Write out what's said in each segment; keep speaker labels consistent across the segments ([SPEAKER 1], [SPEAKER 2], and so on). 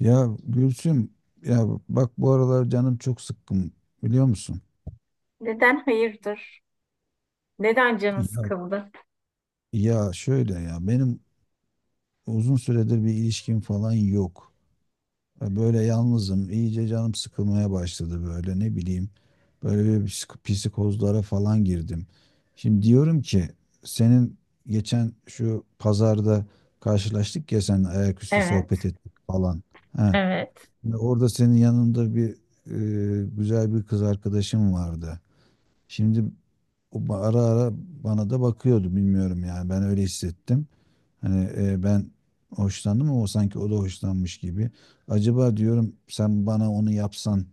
[SPEAKER 1] Ya Gülsüm, ya bak, bu aralar canım çok sıkkın, biliyor musun?
[SPEAKER 2] Neden hayırdır? Neden canı
[SPEAKER 1] Ya,
[SPEAKER 2] sıkıldı?
[SPEAKER 1] ya, şöyle, ya benim uzun süredir bir ilişkim falan yok. Ya böyle yalnızım, iyice canım sıkılmaya başladı, böyle ne bileyim. Böyle bir psikozlara falan girdim. Şimdi diyorum ki, senin geçen şu pazarda karşılaştık ya sen, ayaküstü sohbet
[SPEAKER 2] Evet,
[SPEAKER 1] ettik falan. Ha,
[SPEAKER 2] evet.
[SPEAKER 1] ve orada senin yanında bir güzel bir kız arkadaşım vardı. Şimdi o ara ara bana da bakıyordu, bilmiyorum yani, ben öyle hissettim. Hani ben hoşlandım ama o sanki o da hoşlanmış gibi. Acaba diyorum sen bana onu yapsan,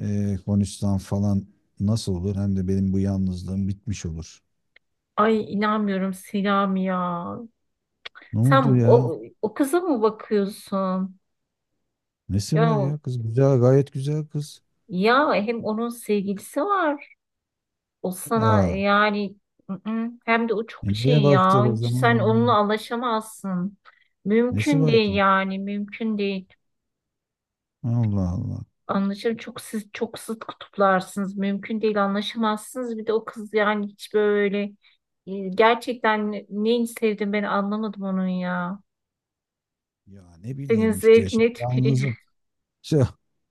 [SPEAKER 1] konuşsan falan, nasıl olur? Hem de benim bu yalnızlığım bitmiş olur.
[SPEAKER 2] Ay inanmıyorum Selami ya.
[SPEAKER 1] Ne oldu
[SPEAKER 2] Sen
[SPEAKER 1] ya?
[SPEAKER 2] o kıza mı bakıyorsun?
[SPEAKER 1] Nesi var
[SPEAKER 2] Ya,
[SPEAKER 1] ya kız? Güzel, gayet güzel kız.
[SPEAKER 2] ya hem onun sevgilisi var. O sana
[SPEAKER 1] Aa,
[SPEAKER 2] yani ı-ı, hem de o çok
[SPEAKER 1] niye
[SPEAKER 2] şey ya.
[SPEAKER 1] baktık o
[SPEAKER 2] Hiç
[SPEAKER 1] zaman?
[SPEAKER 2] sen onunla anlaşamazsın.
[SPEAKER 1] Nesi
[SPEAKER 2] Mümkün
[SPEAKER 1] var
[SPEAKER 2] değil
[SPEAKER 1] ki?
[SPEAKER 2] yani mümkün değil.
[SPEAKER 1] Allah Allah.
[SPEAKER 2] Anlaşılır. Çok siz çok zıt kutuplarsınız. Mümkün değil anlaşamazsınız. Bir de o kız yani hiç böyle gerçekten neyi sevdim ben anlamadım onun ya.
[SPEAKER 1] Ya ne
[SPEAKER 2] Senin
[SPEAKER 1] bileyim işte, şimdi
[SPEAKER 2] zevkine tüküreyim.
[SPEAKER 1] yalnızım. Şey,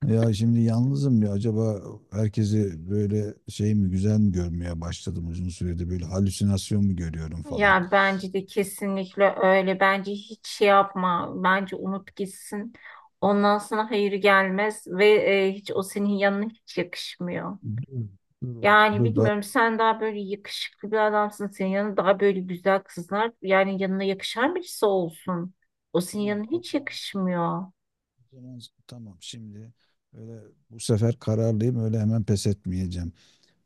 [SPEAKER 1] ya şimdi yalnızım ya, acaba herkesi böyle şey mi, güzel mi görmeye başladım, uzun süredir böyle halüsinasyon mu görüyorum falan.
[SPEAKER 2] Ya bence de kesinlikle öyle. Bence hiç şey yapma. Bence unut gitsin. Ondan sonra hayır gelmez ve hiç o senin yanına hiç yakışmıyor.
[SPEAKER 1] Dur, dur oğlum,
[SPEAKER 2] Yani
[SPEAKER 1] dur daha.
[SPEAKER 2] bilmiyorum sen daha böyle yakışıklı bir adamsın. Senin yanında daha böyle güzel kızlar yani yanına yakışan birisi olsun. O senin
[SPEAKER 1] Tamam
[SPEAKER 2] yanına
[SPEAKER 1] o
[SPEAKER 2] hiç
[SPEAKER 1] zaman,
[SPEAKER 2] yakışmıyor.
[SPEAKER 1] o zaman tamam şimdi, öyle bu sefer kararlıyım, öyle hemen pes etmeyeceğim.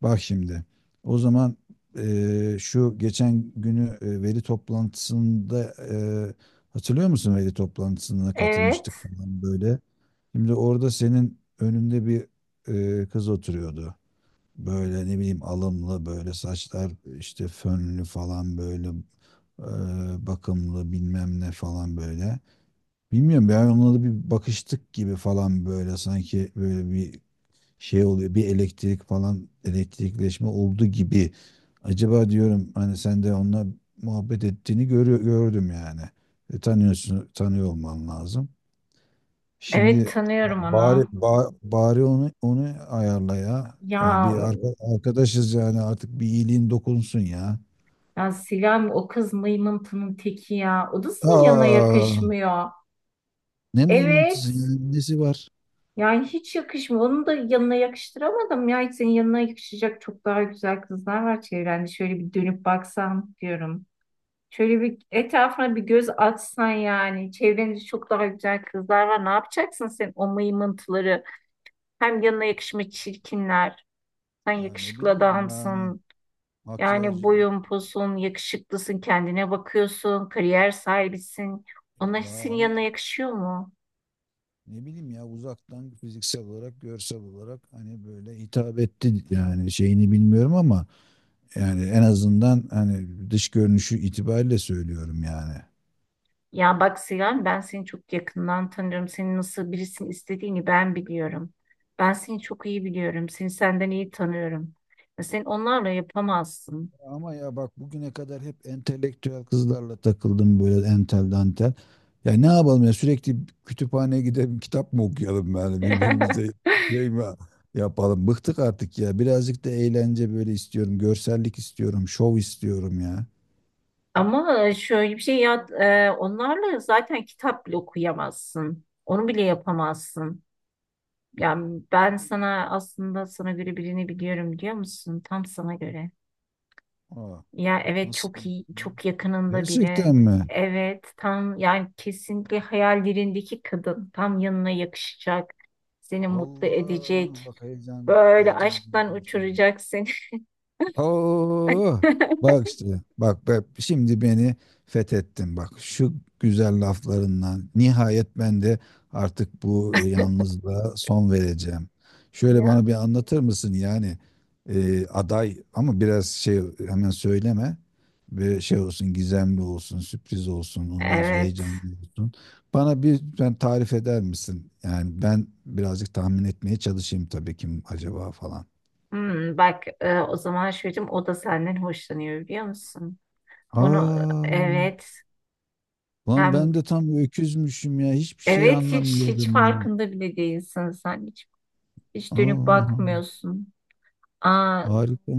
[SPEAKER 1] Bak şimdi. O zaman şu geçen günü, veri toplantısında, hatırlıyor musun, veri toplantısına
[SPEAKER 2] Evet.
[SPEAKER 1] katılmıştık falan böyle. Şimdi orada senin önünde bir kız oturuyordu. Böyle ne bileyim, alımlı, böyle saçlar işte fönlü falan, böyle eee, bakımlı, bilmem ne falan böyle. Bilmiyorum, ben onunla da bir bakıştık gibi falan, böyle sanki böyle bir şey oluyor, bir elektrik falan, elektrikleşme oldu gibi. Acaba diyorum hani sen de onunla muhabbet ettiğini gördüm yani. Tanıyor olman lazım.
[SPEAKER 2] Evet
[SPEAKER 1] Şimdi
[SPEAKER 2] tanıyorum
[SPEAKER 1] bari
[SPEAKER 2] onu.
[SPEAKER 1] ba- bari onu ayarla ya. Yani
[SPEAKER 2] Ya,
[SPEAKER 1] bir arkadaşız yani, artık bir iyiliğin dokunsun ya.
[SPEAKER 2] ya Sinem o kız mıymıntının teki ya. O da senin yanına
[SPEAKER 1] Aa,
[SPEAKER 2] yakışmıyor.
[SPEAKER 1] ne mıymıntısı ya,
[SPEAKER 2] Evet.
[SPEAKER 1] nesi var?
[SPEAKER 2] Yani hiç yakışmıyor. Onu da yanına yakıştıramadım ya. Hiç senin yanına yakışacak çok daha güzel kızlar var çevrende. Şöyle bir dönüp baksan diyorum. Şöyle bir etrafına bir göz atsan yani. Çevrende çok daha güzel kızlar var. Ne yapacaksın sen o mıymıntıları? Hem yanına yakışmış çirkinler. Sen
[SPEAKER 1] Ya ne
[SPEAKER 2] yakışıklı
[SPEAKER 1] bileyim yani,
[SPEAKER 2] adamsın.
[SPEAKER 1] makyaj,
[SPEAKER 2] Yani boyun posun, yakışıklısın, kendine bakıyorsun, kariyer sahibisin. Onlar
[SPEAKER 1] ya
[SPEAKER 2] senin
[SPEAKER 1] ama
[SPEAKER 2] yanına yakışıyor mu?
[SPEAKER 1] ne bileyim ya, uzaktan fiziksel olarak, görsel olarak, hani böyle hitap etti yani, şeyini bilmiyorum ama, yani en azından hani dış görünüşü itibariyle söylüyorum yani.
[SPEAKER 2] Ya bak Sinan ben seni çok yakından tanıyorum. Senin nasıl birisini istediğini ben biliyorum. Ben seni çok iyi biliyorum. Seni senden iyi tanıyorum. Ya sen onlarla yapamazsın.
[SPEAKER 1] Ama ya bak, bugüne kadar hep entelektüel kızlarla takıldım, böyle entel dantel. Ya ne yapalım ya, sürekli kütüphaneye gidelim, kitap mı okuyalım yani birbirimize, şey mi yapalım. Bıktık artık ya, birazcık da eğlence böyle istiyorum, görsellik istiyorum, şov istiyorum ya.
[SPEAKER 2] Ama şöyle bir şey ya onlarla zaten kitap bile okuyamazsın. Onu bile yapamazsın. Yani ben sana aslında sana göre birini biliyorum biliyor musun? Tam sana göre.
[SPEAKER 1] Aa,
[SPEAKER 2] Ya evet
[SPEAKER 1] nasıl?
[SPEAKER 2] çok iyi, çok yakınında biri.
[SPEAKER 1] Gerçekten mi?
[SPEAKER 2] Evet tam yani kesinlikle hayallerindeki kadın tam yanına yakışacak. Seni mutlu
[SPEAKER 1] Allah,
[SPEAKER 2] edecek.
[SPEAKER 1] bak heyecan
[SPEAKER 2] Böyle
[SPEAKER 1] heyecan
[SPEAKER 2] aşktan
[SPEAKER 1] duydum şimdi.
[SPEAKER 2] uçuracak seni.
[SPEAKER 1] Oo, bak işte, bak, şimdi beni fethettin, bak şu güzel laflarından, nihayet ben de artık bu yalnızlığa son vereceğim. Şöyle
[SPEAKER 2] Ya
[SPEAKER 1] bana bir anlatır mısın yani, aday ama biraz şey, hemen söyleme, bir şey olsun, gizemli olsun, sürpriz olsun, ondan sonra
[SPEAKER 2] evet.
[SPEAKER 1] heyecanlı olsun. Bana bir, ben tarif eder misin? Yani ben birazcık tahmin etmeye çalışayım, tabii kim acaba falan.
[SPEAKER 2] Hmm, bak o zaman çocuğum o da senden hoşlanıyor biliyor musun? Bunu
[SPEAKER 1] Aa.
[SPEAKER 2] evet
[SPEAKER 1] Lan
[SPEAKER 2] hem
[SPEAKER 1] ben de tam öküzmüşüm ya. Hiçbir şey
[SPEAKER 2] evet hiç
[SPEAKER 1] anlamıyordum ya.
[SPEAKER 2] farkında bile değilsin sen hiç hiç dönüp
[SPEAKER 1] Allah Allah.
[SPEAKER 2] bakmıyorsun. Aa,
[SPEAKER 1] Harika.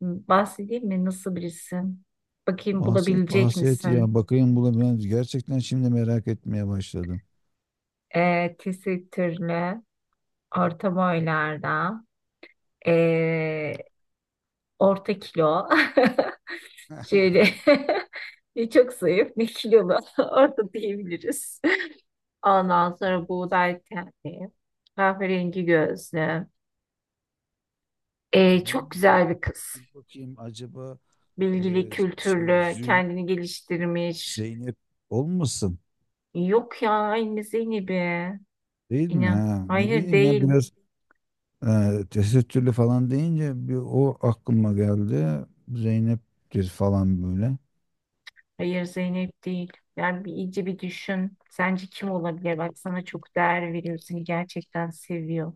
[SPEAKER 2] bahsedeyim mi nasıl birisi? Bakayım
[SPEAKER 1] Bahset
[SPEAKER 2] bulabilecek
[SPEAKER 1] bahset
[SPEAKER 2] misin?
[SPEAKER 1] ya. Bakayım, buna ben gerçekten şimdi merak etmeye başladım.
[SPEAKER 2] E, tesettürlü, orta boylarda, e, orta kilo. Şöyle ne çok zayıf ne kilolu orta diyebiliriz. Ondan sonra buğday tenli, kahverengi gözlü.
[SPEAKER 1] Aa,
[SPEAKER 2] Çok güzel bir kız.
[SPEAKER 1] dur bakayım, acaba e,
[SPEAKER 2] Bilgili,
[SPEAKER 1] şey
[SPEAKER 2] kültürlü,
[SPEAKER 1] Zü
[SPEAKER 2] kendini geliştirmiş.
[SPEAKER 1] Zeynep olmasın
[SPEAKER 2] Yok ya aynı Zeynep'i.
[SPEAKER 1] değil mi?
[SPEAKER 2] İnan.
[SPEAKER 1] Ha, ne
[SPEAKER 2] Hayır
[SPEAKER 1] bileyim ya,
[SPEAKER 2] değil.
[SPEAKER 1] biraz tesettürlü falan deyince bir o aklıma geldi. Zeynep'tir falan böyle.
[SPEAKER 2] Hayır Zeynep değil. Yani bir, iyice bir düşün. Sence kim olabilir? Bak sana çok değer veriyor. Seni gerçekten seviyor.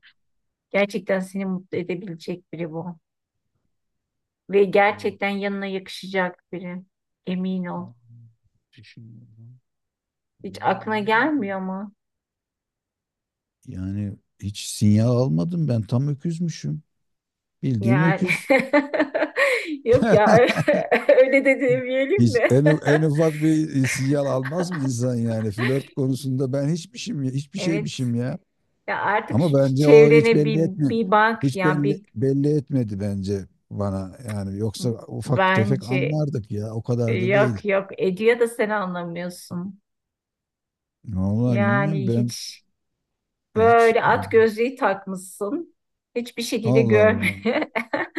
[SPEAKER 2] Gerçekten seni mutlu edebilecek biri bu. Ve
[SPEAKER 1] Allah.
[SPEAKER 2] gerçekten yanına yakışacak biri. Emin ol.
[SPEAKER 1] Aa, düşünüyorum.
[SPEAKER 2] Hiç
[SPEAKER 1] Vallahi
[SPEAKER 2] aklına
[SPEAKER 1] bilmiyorum.
[SPEAKER 2] gelmiyor mu?
[SPEAKER 1] Yani hiç sinyal almadım ben, tam öküzmüşüm. Bildiğin
[SPEAKER 2] Yani
[SPEAKER 1] öküz.
[SPEAKER 2] yok ya öyle öyle de demeyelim
[SPEAKER 1] Hiç
[SPEAKER 2] de.
[SPEAKER 1] en ufak bir sinyal almaz mı insan yani? Flört konusunda ben hiçmişim, hiçbir
[SPEAKER 2] Evet.
[SPEAKER 1] şeymişim ya.
[SPEAKER 2] Ya artık
[SPEAKER 1] Ama
[SPEAKER 2] şu
[SPEAKER 1] bence o hiç
[SPEAKER 2] çevrene bir
[SPEAKER 1] belli etme.
[SPEAKER 2] bir bak
[SPEAKER 1] Hiç
[SPEAKER 2] ya
[SPEAKER 1] belli,
[SPEAKER 2] bir
[SPEAKER 1] belli etmedi bence bana. Yani yoksa ufak tefek
[SPEAKER 2] bence
[SPEAKER 1] anlardık ya. O kadar da değil.
[SPEAKER 2] yok ediyor da sen anlamıyorsun.
[SPEAKER 1] Vallahi
[SPEAKER 2] Yani
[SPEAKER 1] bilmiyorum ben,
[SPEAKER 2] hiç
[SPEAKER 1] hiç.
[SPEAKER 2] böyle at gözlüğü takmışsın. Hiçbir şekilde
[SPEAKER 1] Allah
[SPEAKER 2] görmüyor.
[SPEAKER 1] Allah.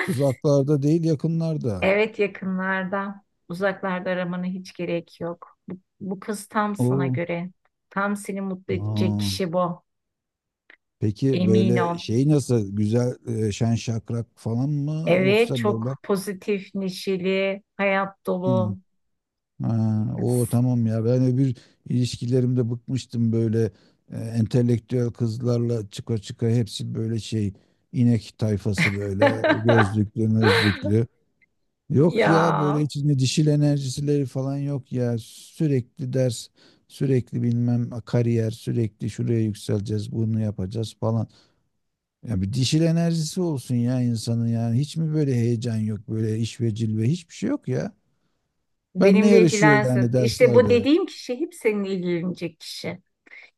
[SPEAKER 1] Uzaklarda değil, yakınlarda.
[SPEAKER 2] Evet yakınlarda, uzaklarda aramanı hiç gerek yok. Bu kız tam sana
[SPEAKER 1] O.
[SPEAKER 2] göre. Tam seni mutlu edecek
[SPEAKER 1] Aa,
[SPEAKER 2] kişi bu.
[SPEAKER 1] peki
[SPEAKER 2] Emin ol.
[SPEAKER 1] böyle şey nasıl, güzel, şen şakrak falan mı,
[SPEAKER 2] Evet,
[SPEAKER 1] yoksa
[SPEAKER 2] çok
[SPEAKER 1] böyle?
[SPEAKER 2] pozitif, neşeli, hayat
[SPEAKER 1] Hı.
[SPEAKER 2] dolu.
[SPEAKER 1] Ha, o tamam ya, ben öbür ilişkilerimde bıkmıştım, böyle entelektüel kızlarla çıka çıka, hepsi böyle şey, inek tayfası, böyle gözlüklü mözlüklü. Yok
[SPEAKER 2] Ya
[SPEAKER 1] ya, böyle içinde dişil enerjisileri falan yok ya, sürekli ders, sürekli bilmem kariyer, sürekli şuraya yükseleceğiz, bunu yapacağız falan. Ya bir dişil enerjisi olsun ya insanın, yani. Hiç mi böyle heyecan yok, böyle iş ve cilve, hiçbir şey yok ya. Ben ne
[SPEAKER 2] benimle
[SPEAKER 1] yarışıyor
[SPEAKER 2] ilgilensin.
[SPEAKER 1] yani
[SPEAKER 2] İşte bu
[SPEAKER 1] derslerde?
[SPEAKER 2] dediğim kişi hep seninle ilgilenecek kişi.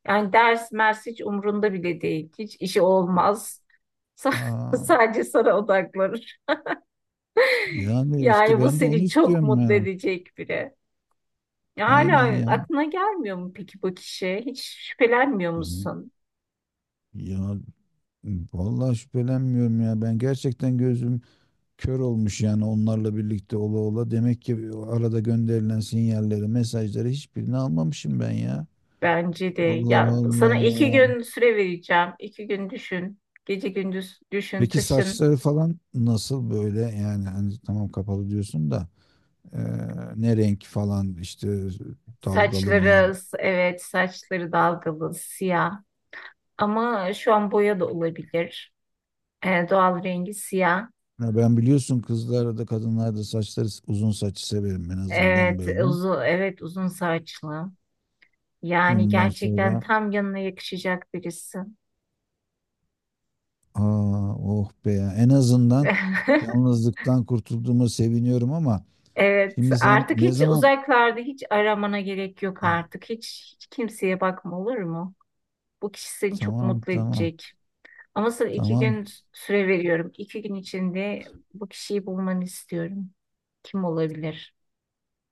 [SPEAKER 2] Yani ders mers hiç umrunda bile değil. Hiç işi olmaz. Sa-
[SPEAKER 1] Aa,
[SPEAKER 2] Sadece sana odaklanır.
[SPEAKER 1] yani işte
[SPEAKER 2] Yani bu
[SPEAKER 1] ben de onu
[SPEAKER 2] seni çok
[SPEAKER 1] istiyorum
[SPEAKER 2] mutlu
[SPEAKER 1] ya.
[SPEAKER 2] edecek biri. Ya
[SPEAKER 1] Aynen
[SPEAKER 2] Hala
[SPEAKER 1] ya.
[SPEAKER 2] aklına gelmiyor mu peki bu kişi? Hiç şüphelenmiyor musun?
[SPEAKER 1] Ya vallahi şüphelenmiyorum ya. Ben gerçekten gözüm kör olmuş yani, onlarla birlikte ola ola. Demek ki o arada gönderilen sinyalleri, mesajları, hiçbirini almamışım ben ya.
[SPEAKER 2] Bence de.
[SPEAKER 1] Allah
[SPEAKER 2] Ya sana iki
[SPEAKER 1] Allah.
[SPEAKER 2] gün süre vereceğim. İki gün düşün. Gece gündüz düşün,
[SPEAKER 1] Peki
[SPEAKER 2] taşın.
[SPEAKER 1] saçları falan nasıl böyle, yani hani tamam kapalı diyorsun da, e, ne renk falan işte, dalgalı mı?
[SPEAKER 2] Saçları, evet saçları dalgalı, siyah. Ama şu an boya da olabilir. Doğal rengi siyah.
[SPEAKER 1] Ya ben biliyorsun kızlarda da kadınlarda da saçları uzun, saçı severim en azından
[SPEAKER 2] Evet
[SPEAKER 1] böyle.
[SPEAKER 2] uzun, evet uzun saçlı. Yani
[SPEAKER 1] Bundan
[SPEAKER 2] gerçekten
[SPEAKER 1] sonra,
[SPEAKER 2] tam yanına yakışacak birisi.
[SPEAKER 1] aa, oh be ya, en azından yalnızlıktan kurtulduğuma seviniyorum ama,
[SPEAKER 2] Evet,
[SPEAKER 1] şimdi sen
[SPEAKER 2] artık
[SPEAKER 1] ne
[SPEAKER 2] hiç
[SPEAKER 1] zaman.
[SPEAKER 2] uzaklarda hiç aramana gerek yok artık. Hiç, hiç kimseye bakma olur mu? Bu kişi seni çok
[SPEAKER 1] Tamam,
[SPEAKER 2] mutlu
[SPEAKER 1] tamam,
[SPEAKER 2] edecek. Ama sana iki
[SPEAKER 1] tamam.
[SPEAKER 2] gün süre veriyorum. İki gün içinde bu kişiyi bulmanı istiyorum. Kim olabilir?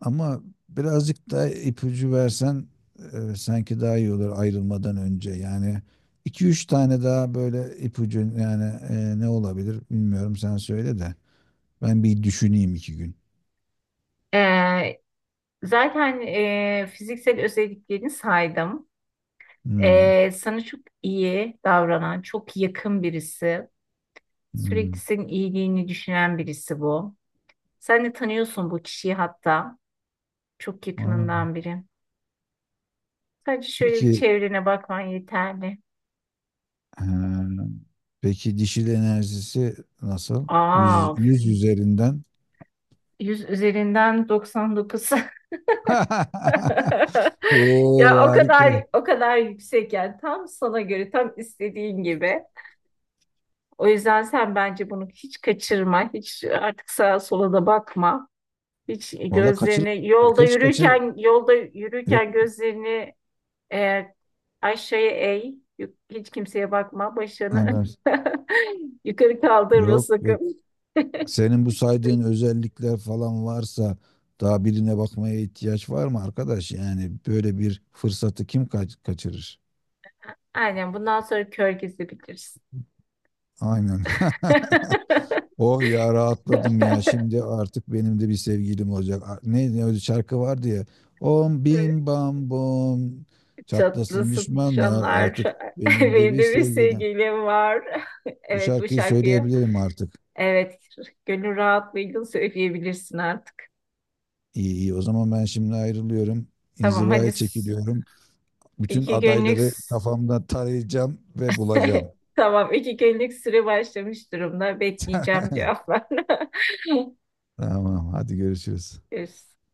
[SPEAKER 1] Ama birazcık da ipucu versen, sanki daha iyi olur, ayrılmadan önce. Yani iki üç tane daha böyle ipucu, yani ne olabilir bilmiyorum, sen söyle de. Ben bir düşüneyim iki gün.
[SPEAKER 2] Ee, zaten fiziksel özelliklerini saydım.
[SPEAKER 1] Hmm,
[SPEAKER 2] Sana çok iyi davranan, çok yakın birisi.
[SPEAKER 1] hmm.
[SPEAKER 2] Sürekli senin iyiliğini düşünen birisi bu. Sen de tanıyorsun bu kişiyi hatta. Çok
[SPEAKER 1] Aa,
[SPEAKER 2] yakınından biri. Sadece şöyle bir
[SPEAKER 1] peki.
[SPEAKER 2] çevrene bakman yeterli.
[SPEAKER 1] Ha, peki dişil enerjisi nasıl? yüz
[SPEAKER 2] Aa,
[SPEAKER 1] yüz üzerinden.
[SPEAKER 2] 100 üzerinden 99.
[SPEAKER 1] Oo,
[SPEAKER 2] Ya o
[SPEAKER 1] harika.
[SPEAKER 2] kadar o kadar yüksek yani tam sana göre tam istediğin gibi. O yüzden sen bence bunu hiç kaçırma. Hiç artık sağa sola da bakma. Hiç
[SPEAKER 1] Valla, kaçır,
[SPEAKER 2] gözlerini yolda
[SPEAKER 1] kaçır.
[SPEAKER 2] yürürken yolda yürürken
[SPEAKER 1] Yok.
[SPEAKER 2] gözlerini e, aşağıya eğ. Yuk- Hiç kimseye bakma.
[SPEAKER 1] Ha,
[SPEAKER 2] Başını yukarı kaldırma
[SPEAKER 1] yok, yok.
[SPEAKER 2] sakın.
[SPEAKER 1] Senin bu saydığın özellikler falan varsa, daha birine bakmaya ihtiyaç var mı arkadaş? Yani böyle bir fırsatı kim kaçırır?
[SPEAKER 2] Aynen bundan sonra kör gezebilirsin.
[SPEAKER 1] Aynen. Oh ya, rahatladım ya. Şimdi artık benim de bir sevgilim olacak. Ne öyle şarkı vardı ya. Om bim bam bom. Çatlasın
[SPEAKER 2] Çatlasın
[SPEAKER 1] düşmanlar,
[SPEAKER 2] şanlar.
[SPEAKER 1] artık benim de
[SPEAKER 2] Benim
[SPEAKER 1] bir
[SPEAKER 2] de bir
[SPEAKER 1] sevgilim.
[SPEAKER 2] sevgilim var.
[SPEAKER 1] Bu
[SPEAKER 2] Evet bu
[SPEAKER 1] şarkıyı
[SPEAKER 2] şarkıyı.
[SPEAKER 1] söyleyebilirim artık.
[SPEAKER 2] Evet gönül rahatlığıyla söyleyebilirsin artık.
[SPEAKER 1] İyi, iyi. O zaman ben şimdi ayrılıyorum.
[SPEAKER 2] Tamam hadi
[SPEAKER 1] İnzivaya
[SPEAKER 2] s-
[SPEAKER 1] çekiliyorum. Bütün
[SPEAKER 2] iki günlük
[SPEAKER 1] adayları
[SPEAKER 2] s-
[SPEAKER 1] kafamda tarayacağım ve bulacağım.
[SPEAKER 2] tamam iki günlük süre başlamış durumda. Bekleyeceğim cevaplarını.
[SPEAKER 1] Tamam, hadi görüşürüz.
[SPEAKER 2] Görüşürüz.